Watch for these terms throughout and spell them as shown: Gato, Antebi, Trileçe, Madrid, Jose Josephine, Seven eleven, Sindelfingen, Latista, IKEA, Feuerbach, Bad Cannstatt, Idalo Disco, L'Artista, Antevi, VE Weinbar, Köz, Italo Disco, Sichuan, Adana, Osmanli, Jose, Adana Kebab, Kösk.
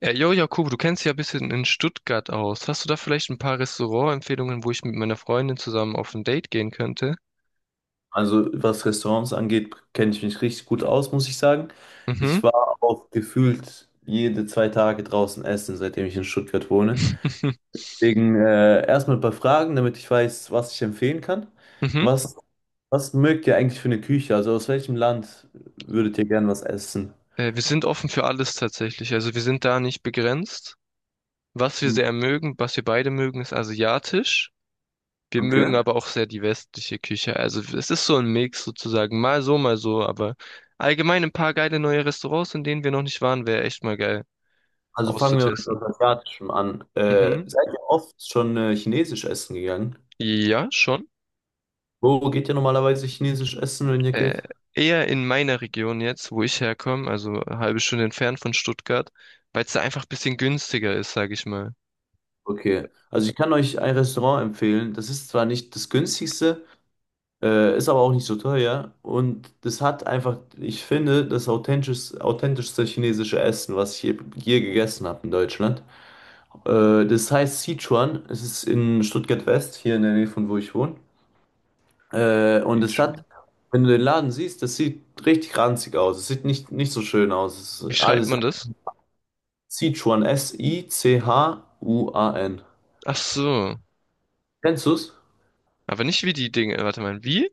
Ja, jo, Jakob, du kennst dich ja ein bisschen in Stuttgart aus. Hast du da vielleicht ein paar Restaurantempfehlungen, wo ich mit meiner Freundin zusammen auf ein Date gehen könnte? Also was Restaurants angeht, kenne ich mich richtig gut aus, muss ich sagen. Mhm. Ich war auch gefühlt jede 2 Tage draußen essen, seitdem ich in Stuttgart wohne. Deswegen erstmal ein paar Fragen, damit ich weiß, was ich empfehlen kann. Mhm. Was, was mögt ihr eigentlich für eine Küche? Also aus welchem Land würdet ihr gern was essen? Wir sind offen für alles tatsächlich. Also wir sind da nicht begrenzt. Was wir Hm. sehr mögen, was wir beide mögen, ist asiatisch. Wir mögen Okay. aber auch sehr die westliche Küche. Also es ist so ein Mix sozusagen. Mal so, mal so. Aber allgemein ein paar geile neue Restaurants, in denen wir noch nicht waren, wäre echt mal geil Also fangen wir mit was auszutesten. Asiatischem an. Mhm. Seid ihr oft schon chinesisch essen gegangen? Ja, schon. Wo geht ihr normalerweise chinesisch essen, wenn ihr Äh, geht? eher in meiner Region jetzt, wo ich herkomme, also eine halbe Stunde entfernt von Stuttgart, weil es da einfach ein bisschen günstiger ist, sag ich mal. Okay, also ich kann euch ein Restaurant empfehlen. Das ist zwar nicht das günstigste, ist aber auch nicht so teuer, und das hat einfach, ich finde, das authentischste chinesische Essen, was ich hier gegessen habe in Deutschland. Das heißt Sichuan. Es ist in Stuttgart West, hier in der Nähe von wo ich wohne. Und Sieht es schon. Wenn du den Laden siehst, das sieht richtig ranzig aus. Es sieht nicht so schön aus. Es Wie ist schreibt alles man das? Sichuan, Sichuan. Ach so. Kennst du's? Aber nicht wie die Dinge. Warte mal, wie?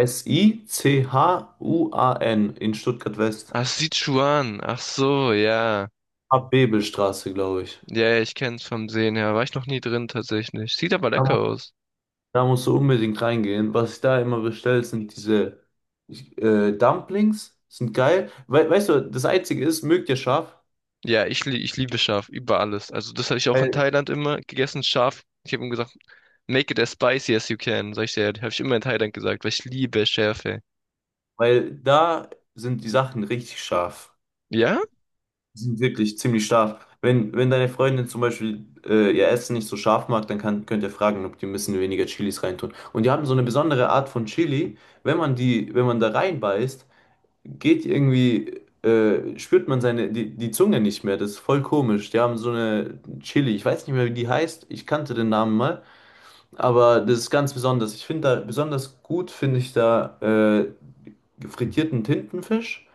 Sichuan in Stuttgart-West. Ach, Sichuan. Ach so, ja. Abbebelstraße, glaube ich. Ja, ja, ich kenn's vom Sehen her. War ich noch nie drin tatsächlich. Sieht aber Da, mu- lecker aus. Da musst du unbedingt reingehen. Was ich da immer bestelle, sind diese Dumplings. Sind geil. We Weißt du, das Einzige ist: Mögt ihr scharf? Ja, ich liebe scharf über alles. Also das habe ich auch in Weil, Thailand immer gegessen, scharf. Ich habe ihm gesagt, make it as spicy as you can. Sag ich dir, habe ich immer in Thailand gesagt, weil ich liebe Schärfe. weil da sind die Sachen richtig scharf. Ja? Die sind wirklich ziemlich scharf. Wenn deine Freundin zum Beispiel ihr Essen nicht so scharf mag, dann könnt ihr fragen, ob die ein bisschen weniger Chilis reintun. Und die haben so eine besondere Art von Chili. Wenn man da reinbeißt, spürt man die Zunge nicht mehr. Das ist voll komisch. Die haben so eine Chili, ich weiß nicht mehr, wie die heißt. Ich kannte den Namen mal, aber das ist ganz besonders. Ich finde da besonders gut, finde ich da frittierten Tintenfisch.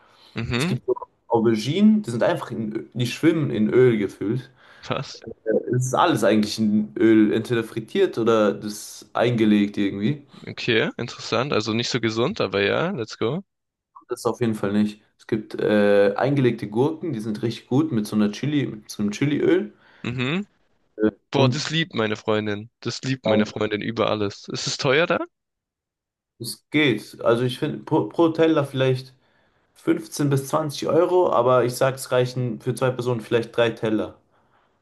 Es Mhm. gibt so Auberginen, die sind einfach die schwimmen in Öl gefüllt. Was? Äh, Es ist alles eigentlich in Öl, entweder frittiert oder das eingelegt irgendwie. Okay, interessant. Also nicht so gesund, aber ja, let's go. Das auf jeden Fall nicht. Es gibt eingelegte Gurken, die sind richtig gut mit so einer Chili, mit so einem Chiliöl. Mhm. Boah, das Und liebt meine Freundin. Das liebt meine ähm, Freundin über alles. Ist es teuer da? es geht. Also ich finde pro Teller vielleicht 15 bis 20 Euro, aber ich sag, es reichen für zwei Personen vielleicht drei Teller.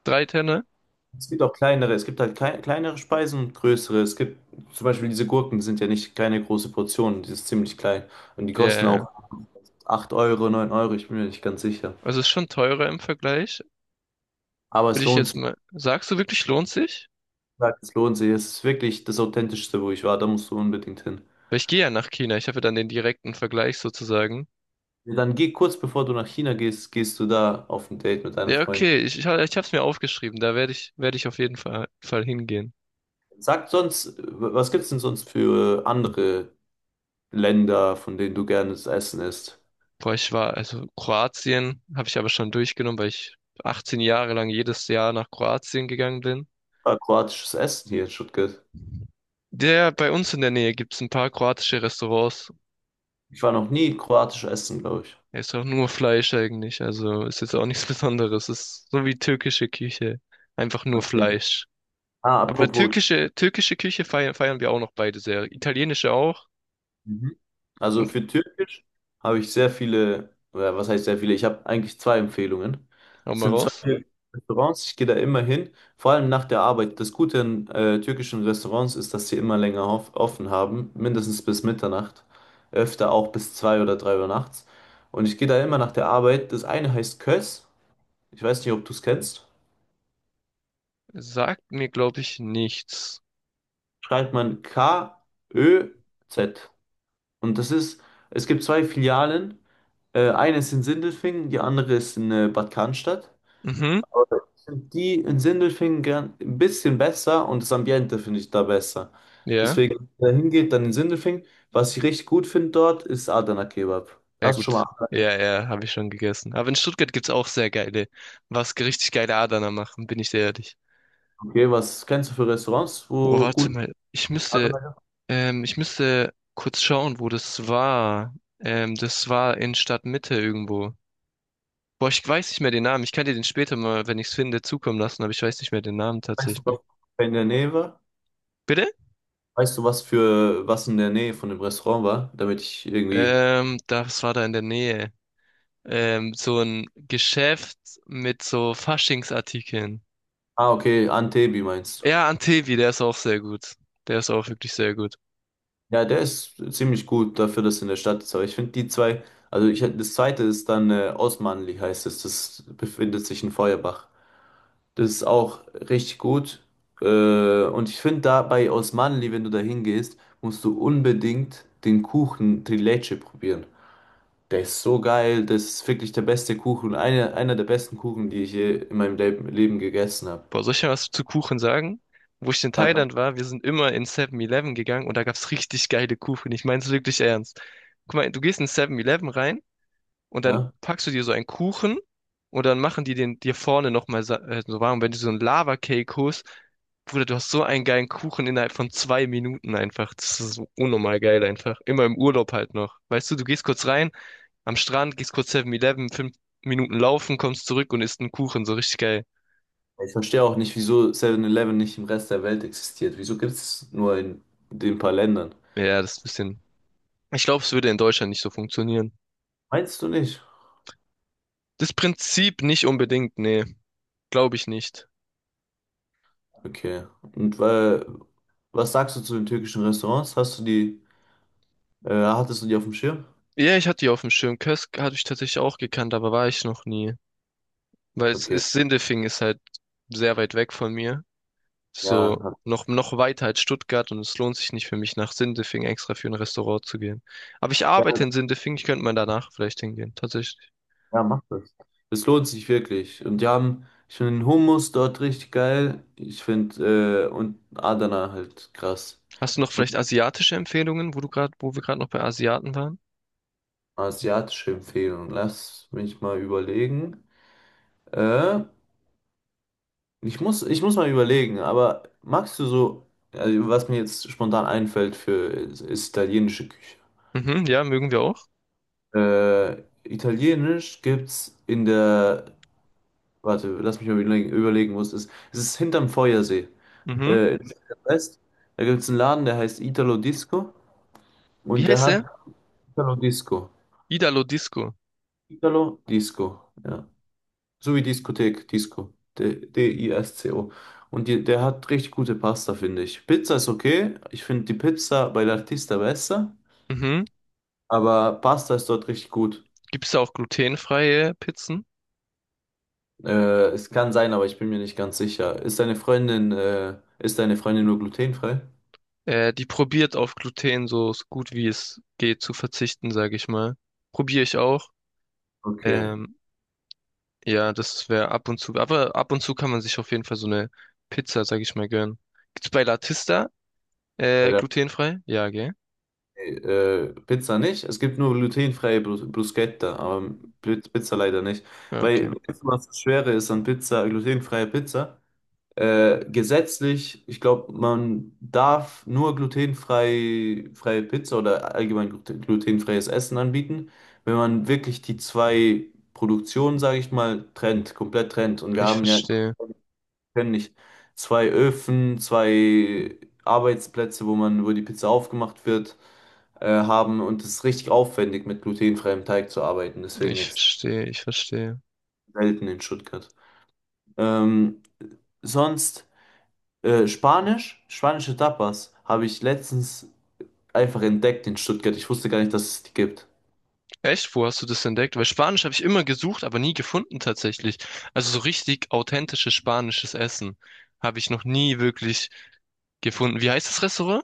Drei Tenner? Es gibt auch kleinere, es gibt halt kleinere Speisen und größere. Es gibt zum Beispiel diese Gurken, die sind ja nicht keine große Portion, die ist ziemlich klein. Und die Ja, kosten ja, ja. auch 8 Euro, 9 Euro, ich bin mir nicht ganz sicher. Also ist schon teurer im Vergleich. Aber Würde es ich lohnt jetzt mal. Sagst du wirklich, lohnt sich? Es lohnt sich. Es ist wirklich das Authentischste, wo ich war. Da musst du unbedingt hin. Weil ich gehe ja nach China. Ich habe ja dann den direkten Vergleich sozusagen. Ja. Dann geh kurz bevor du nach China gehst, gehst du da auf ein Date mit deiner Ja, Freundin. okay. Ich habe es mir aufgeschrieben. Da werde ich auf jeden Fall hingehen. Sag sonst, was gibt's denn sonst für andere Länder, von denen du gerne das Essen isst? Boah, ich war, also Kroatien habe ich aber schon durchgenommen, weil ich 18 Jahre lang jedes Jahr nach Kroatien gegangen bin. Ah, kroatisches Essen hier in Stuttgart. Der bei uns in der Nähe gibt's ein paar kroatische Restaurants. Ich war noch nie kroatisch essen, glaube ich. Er ist auch nur Fleisch eigentlich, also ist jetzt auch nichts Besonderes. Ist so wie türkische Küche, einfach nur Okay. Fleisch. Ah, Aber apropos. türkische Küche feiern wir auch noch beide sehr. Italienische auch. Mhm. Also Und für Türkisch habe ich sehr viele, oder was heißt sehr viele? Ich habe eigentlich zwei Empfehlungen. hau Es mal sind zwei raus. türkische Restaurants, ich gehe da immer hin, vor allem nach der Arbeit. Das Gute an türkischen Restaurants ist, dass sie immer länger offen haben, mindestens bis Mitternacht, öfter auch bis 2 oder 3 Uhr nachts. Und ich gehe da immer nach der Arbeit. Das eine heißt Köz, ich weiß nicht, ob du es kennst. Sagt mir, glaube ich, nichts. Schreibt man Köz. Und das ist, es gibt zwei Filialen. Eine ist in Sindelfingen, die andere ist in Bad Cannstatt. Mhm. Aber sind die in Sindelfingen gern, ein bisschen besser, und das Ambiente finde ich da besser. Ja. Deswegen, wenn man da hingeht, dann in Sindelfingen. Was ich richtig gut finde dort, ist Adana Kebab. Ja Hast du schon mal gut. Adana Kebab? Ja, ja, habe ich schon gegessen. Aber in Stuttgart gibt's auch sehr geile, was richtig geile Adana machen, bin ich sehr ehrlich. Okay, was kennst du für Restaurants, Oh, wo warte gut mal. Adana Kebab? Ich müsste kurz schauen, wo das war. Das war in Stadtmitte irgendwo. Boah, ich weiß nicht mehr den Namen. Ich kann dir den später mal, wenn ich es finde, zukommen lassen, aber ich weiß nicht mehr den Namen Weißt du, tatsächlich. was in der Nähe war? Bitte? Weißt du, was für was in der Nähe von dem Restaurant war? Damit ich irgendwie. Das war da in der Nähe. So ein Geschäft mit so Faschingsartikeln. Ah, okay, Antebi meinst. Ja, Antevi, der ist auch sehr gut. Der ist auch wirklich sehr gut. Ja, der ist ziemlich gut dafür, dass er in der Stadt ist. Aber ich finde die zwei, also ich, das zweite ist dann Osmanli heißt es. Das befindet sich in Feuerbach. Das ist auch richtig gut. Und ich finde da bei Osmanli, wenn du da hingehst, musst du unbedingt den Kuchen Trileçe probieren. Der ist so geil. Das ist wirklich der beste Kuchen. Einer der besten Kuchen, die ich je in meinem Leben gegessen habe. Boah, soll ich dir was zu Kuchen sagen? Wo ich in Sag ab. Thailand war, wir sind immer in Seven eleven gegangen und da gab's richtig geile Kuchen. Ich mein's wirklich ernst. Guck mal, du gehst in Seven eleven rein und dann Ja. packst du dir so einen Kuchen und dann machen die den dir vorne nochmal so warm. Wenn du so einen Lava-Cake holst, Bruder, du hast so einen geilen Kuchen innerhalb von zwei Minuten einfach. Das ist so unnormal geil einfach. Immer im Urlaub halt noch. Weißt du, du gehst kurz rein, am Strand, gehst kurz Seven eleven fünf Minuten laufen, kommst zurück und isst einen Kuchen. So richtig geil. Ich verstehe auch nicht, wieso Seven eleven nicht im Rest der Welt existiert. Wieso gibt es nur in den paar Ländern? Ja, das ist ein bisschen. Ich glaube, es würde in Deutschland nicht so funktionieren. Meinst du nicht? Das Prinzip nicht unbedingt, nee, glaube ich nicht. Okay. Und was sagst du zu den türkischen Restaurants? Hast du die, hattest du die auf dem Schirm? Ja, ich hatte die auf dem Schirm. Kösk hatte ich tatsächlich auch gekannt, aber war ich noch nie. Weil es Okay. ist, Sindelfingen ist halt sehr weit weg von mir. Ja, So noch, noch weiter als Stuttgart und es lohnt sich nicht für mich, nach Sindelfingen extra für ein Restaurant zu gehen. Aber ich arbeite ja, in Sindelfingen, ich könnte mal danach vielleicht hingehen, tatsächlich. ja, mach das. Es lohnt sich wirklich. Ich finde den Hummus dort richtig geil. Und Adana halt krass. Hast du noch Und vielleicht asiatische Empfehlungen, wo du gerade, wo wir gerade noch bei Asiaten waren? asiatische Empfehlung. Lass mich mal überlegen. Äh, Ich muss mal überlegen, aber magst du so, also was mir jetzt spontan einfällt für, ist italienische Küche. Mhm, ja, mögen wir auch. Italienisch gibt's in der, warte, lass mich mal überlegen, wo es ist. Es ist hinterm Feuersee, Mhm. In West. Da gibt's einen Laden, der heißt Italo Disco Wie und der heißt er? hat Italo Disco. Idalo Disco. Italo Disco, ja. So wie Diskothek, Disco. Disco. Der hat richtig gute Pasta, finde ich. Pizza ist okay. Ich finde die Pizza bei L'Artista besser. Mhm. Aber Pasta ist dort richtig gut. Gibt es da auch glutenfreie Pizzen? Äh, es kann sein, aber ich bin mir nicht ganz sicher. Ist deine Freundin nur glutenfrei? Die probiert auf Gluten so, so gut wie es geht zu verzichten, sage ich mal. Probiere ich auch. Okay. Ähm, ja, das wäre ab und zu. Aber ab und zu kann man sich auf jeden Fall so eine Pizza, sage ich mal, gönnen. Gibt's bei Latista Bei der glutenfrei? Ja, gell? Pizza nicht. Es gibt nur glutenfreie Bruschetta, aber Pizza leider nicht. Ja, okay. Weil, weißt du, was das Schwere ist an Pizza, glutenfreie Pizza? Gesetzlich, ich glaube, man darf nur freie Pizza oder allgemein glutenfreies Essen anbieten, wenn man wirklich die zwei Produktionen, sage ich mal, trennt, komplett trennt. Und wir Ich haben ja, wir verstehe. können nicht zwei Öfen, zwei Arbeitsplätze, wo die Pizza aufgemacht wird, haben. Und es ist richtig aufwendig, mit glutenfreiem Teig zu arbeiten. Deswegen Ich extrem verstehe. Ich verstehe. selten in Stuttgart. Ähm, Sonst. Spanisch, spanische Tapas habe ich letztens einfach entdeckt in Stuttgart. Ich wusste gar nicht, dass es die gibt. Echt? Wo hast du das entdeckt? Weil Spanisch habe ich immer gesucht, aber nie gefunden tatsächlich. Also so richtig authentisches spanisches Essen habe ich noch nie wirklich gefunden. Wie heißt das Restaurant?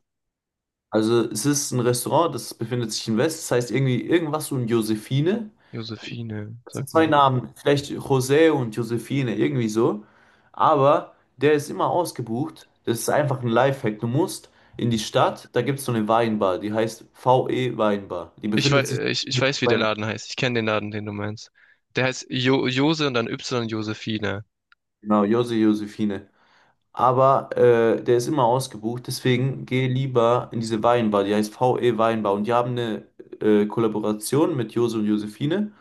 Also es ist ein Restaurant, das befindet sich in West, das heißt irgendwie irgendwas und Josephine. Josephine, Das sind sagt mir zwei nicht. Namen, vielleicht José und Josephine, irgendwie so. Aber der ist immer ausgebucht. Das ist einfach ein Lifehack. Du musst in die Stadt, da gibt es so eine Weinbar, die heißt VE Weinbar. Die Ich weiß, befindet sich. Ich weiß, wie der Laden heißt. Ich kenne den Laden, den du meinst. Der heißt jo Jose und dann Y Josephine. Genau, Jose Josephine. Aber der ist immer ausgebucht, deswegen geh lieber in diese Weinbar, die heißt VE Weinbar. Und die haben eine Kollaboration mit Jose und Josephine.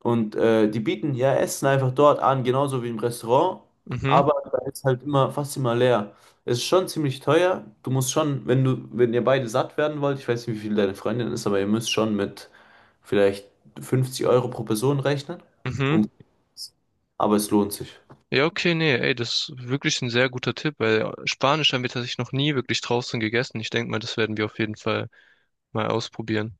Die bieten ja Essen einfach dort an, genauso wie im Restaurant. Mhm, Aber da ist halt immer fast immer leer. Es ist schon ziemlich teuer. Du musst schon, wenn ihr beide satt werden wollt, ich weiß nicht, wie viel deine Freundin ist, aber ihr müsst schon mit vielleicht 50 € pro Person rechnen. mhm. Um, aber es lohnt sich. Ja, okay, nee, ey, das ist wirklich ein sehr guter Tipp, weil Spanisch haben wir tatsächlich noch nie wirklich draußen gegessen. Ich denke mal, das werden wir auf jeden Fall mal ausprobieren.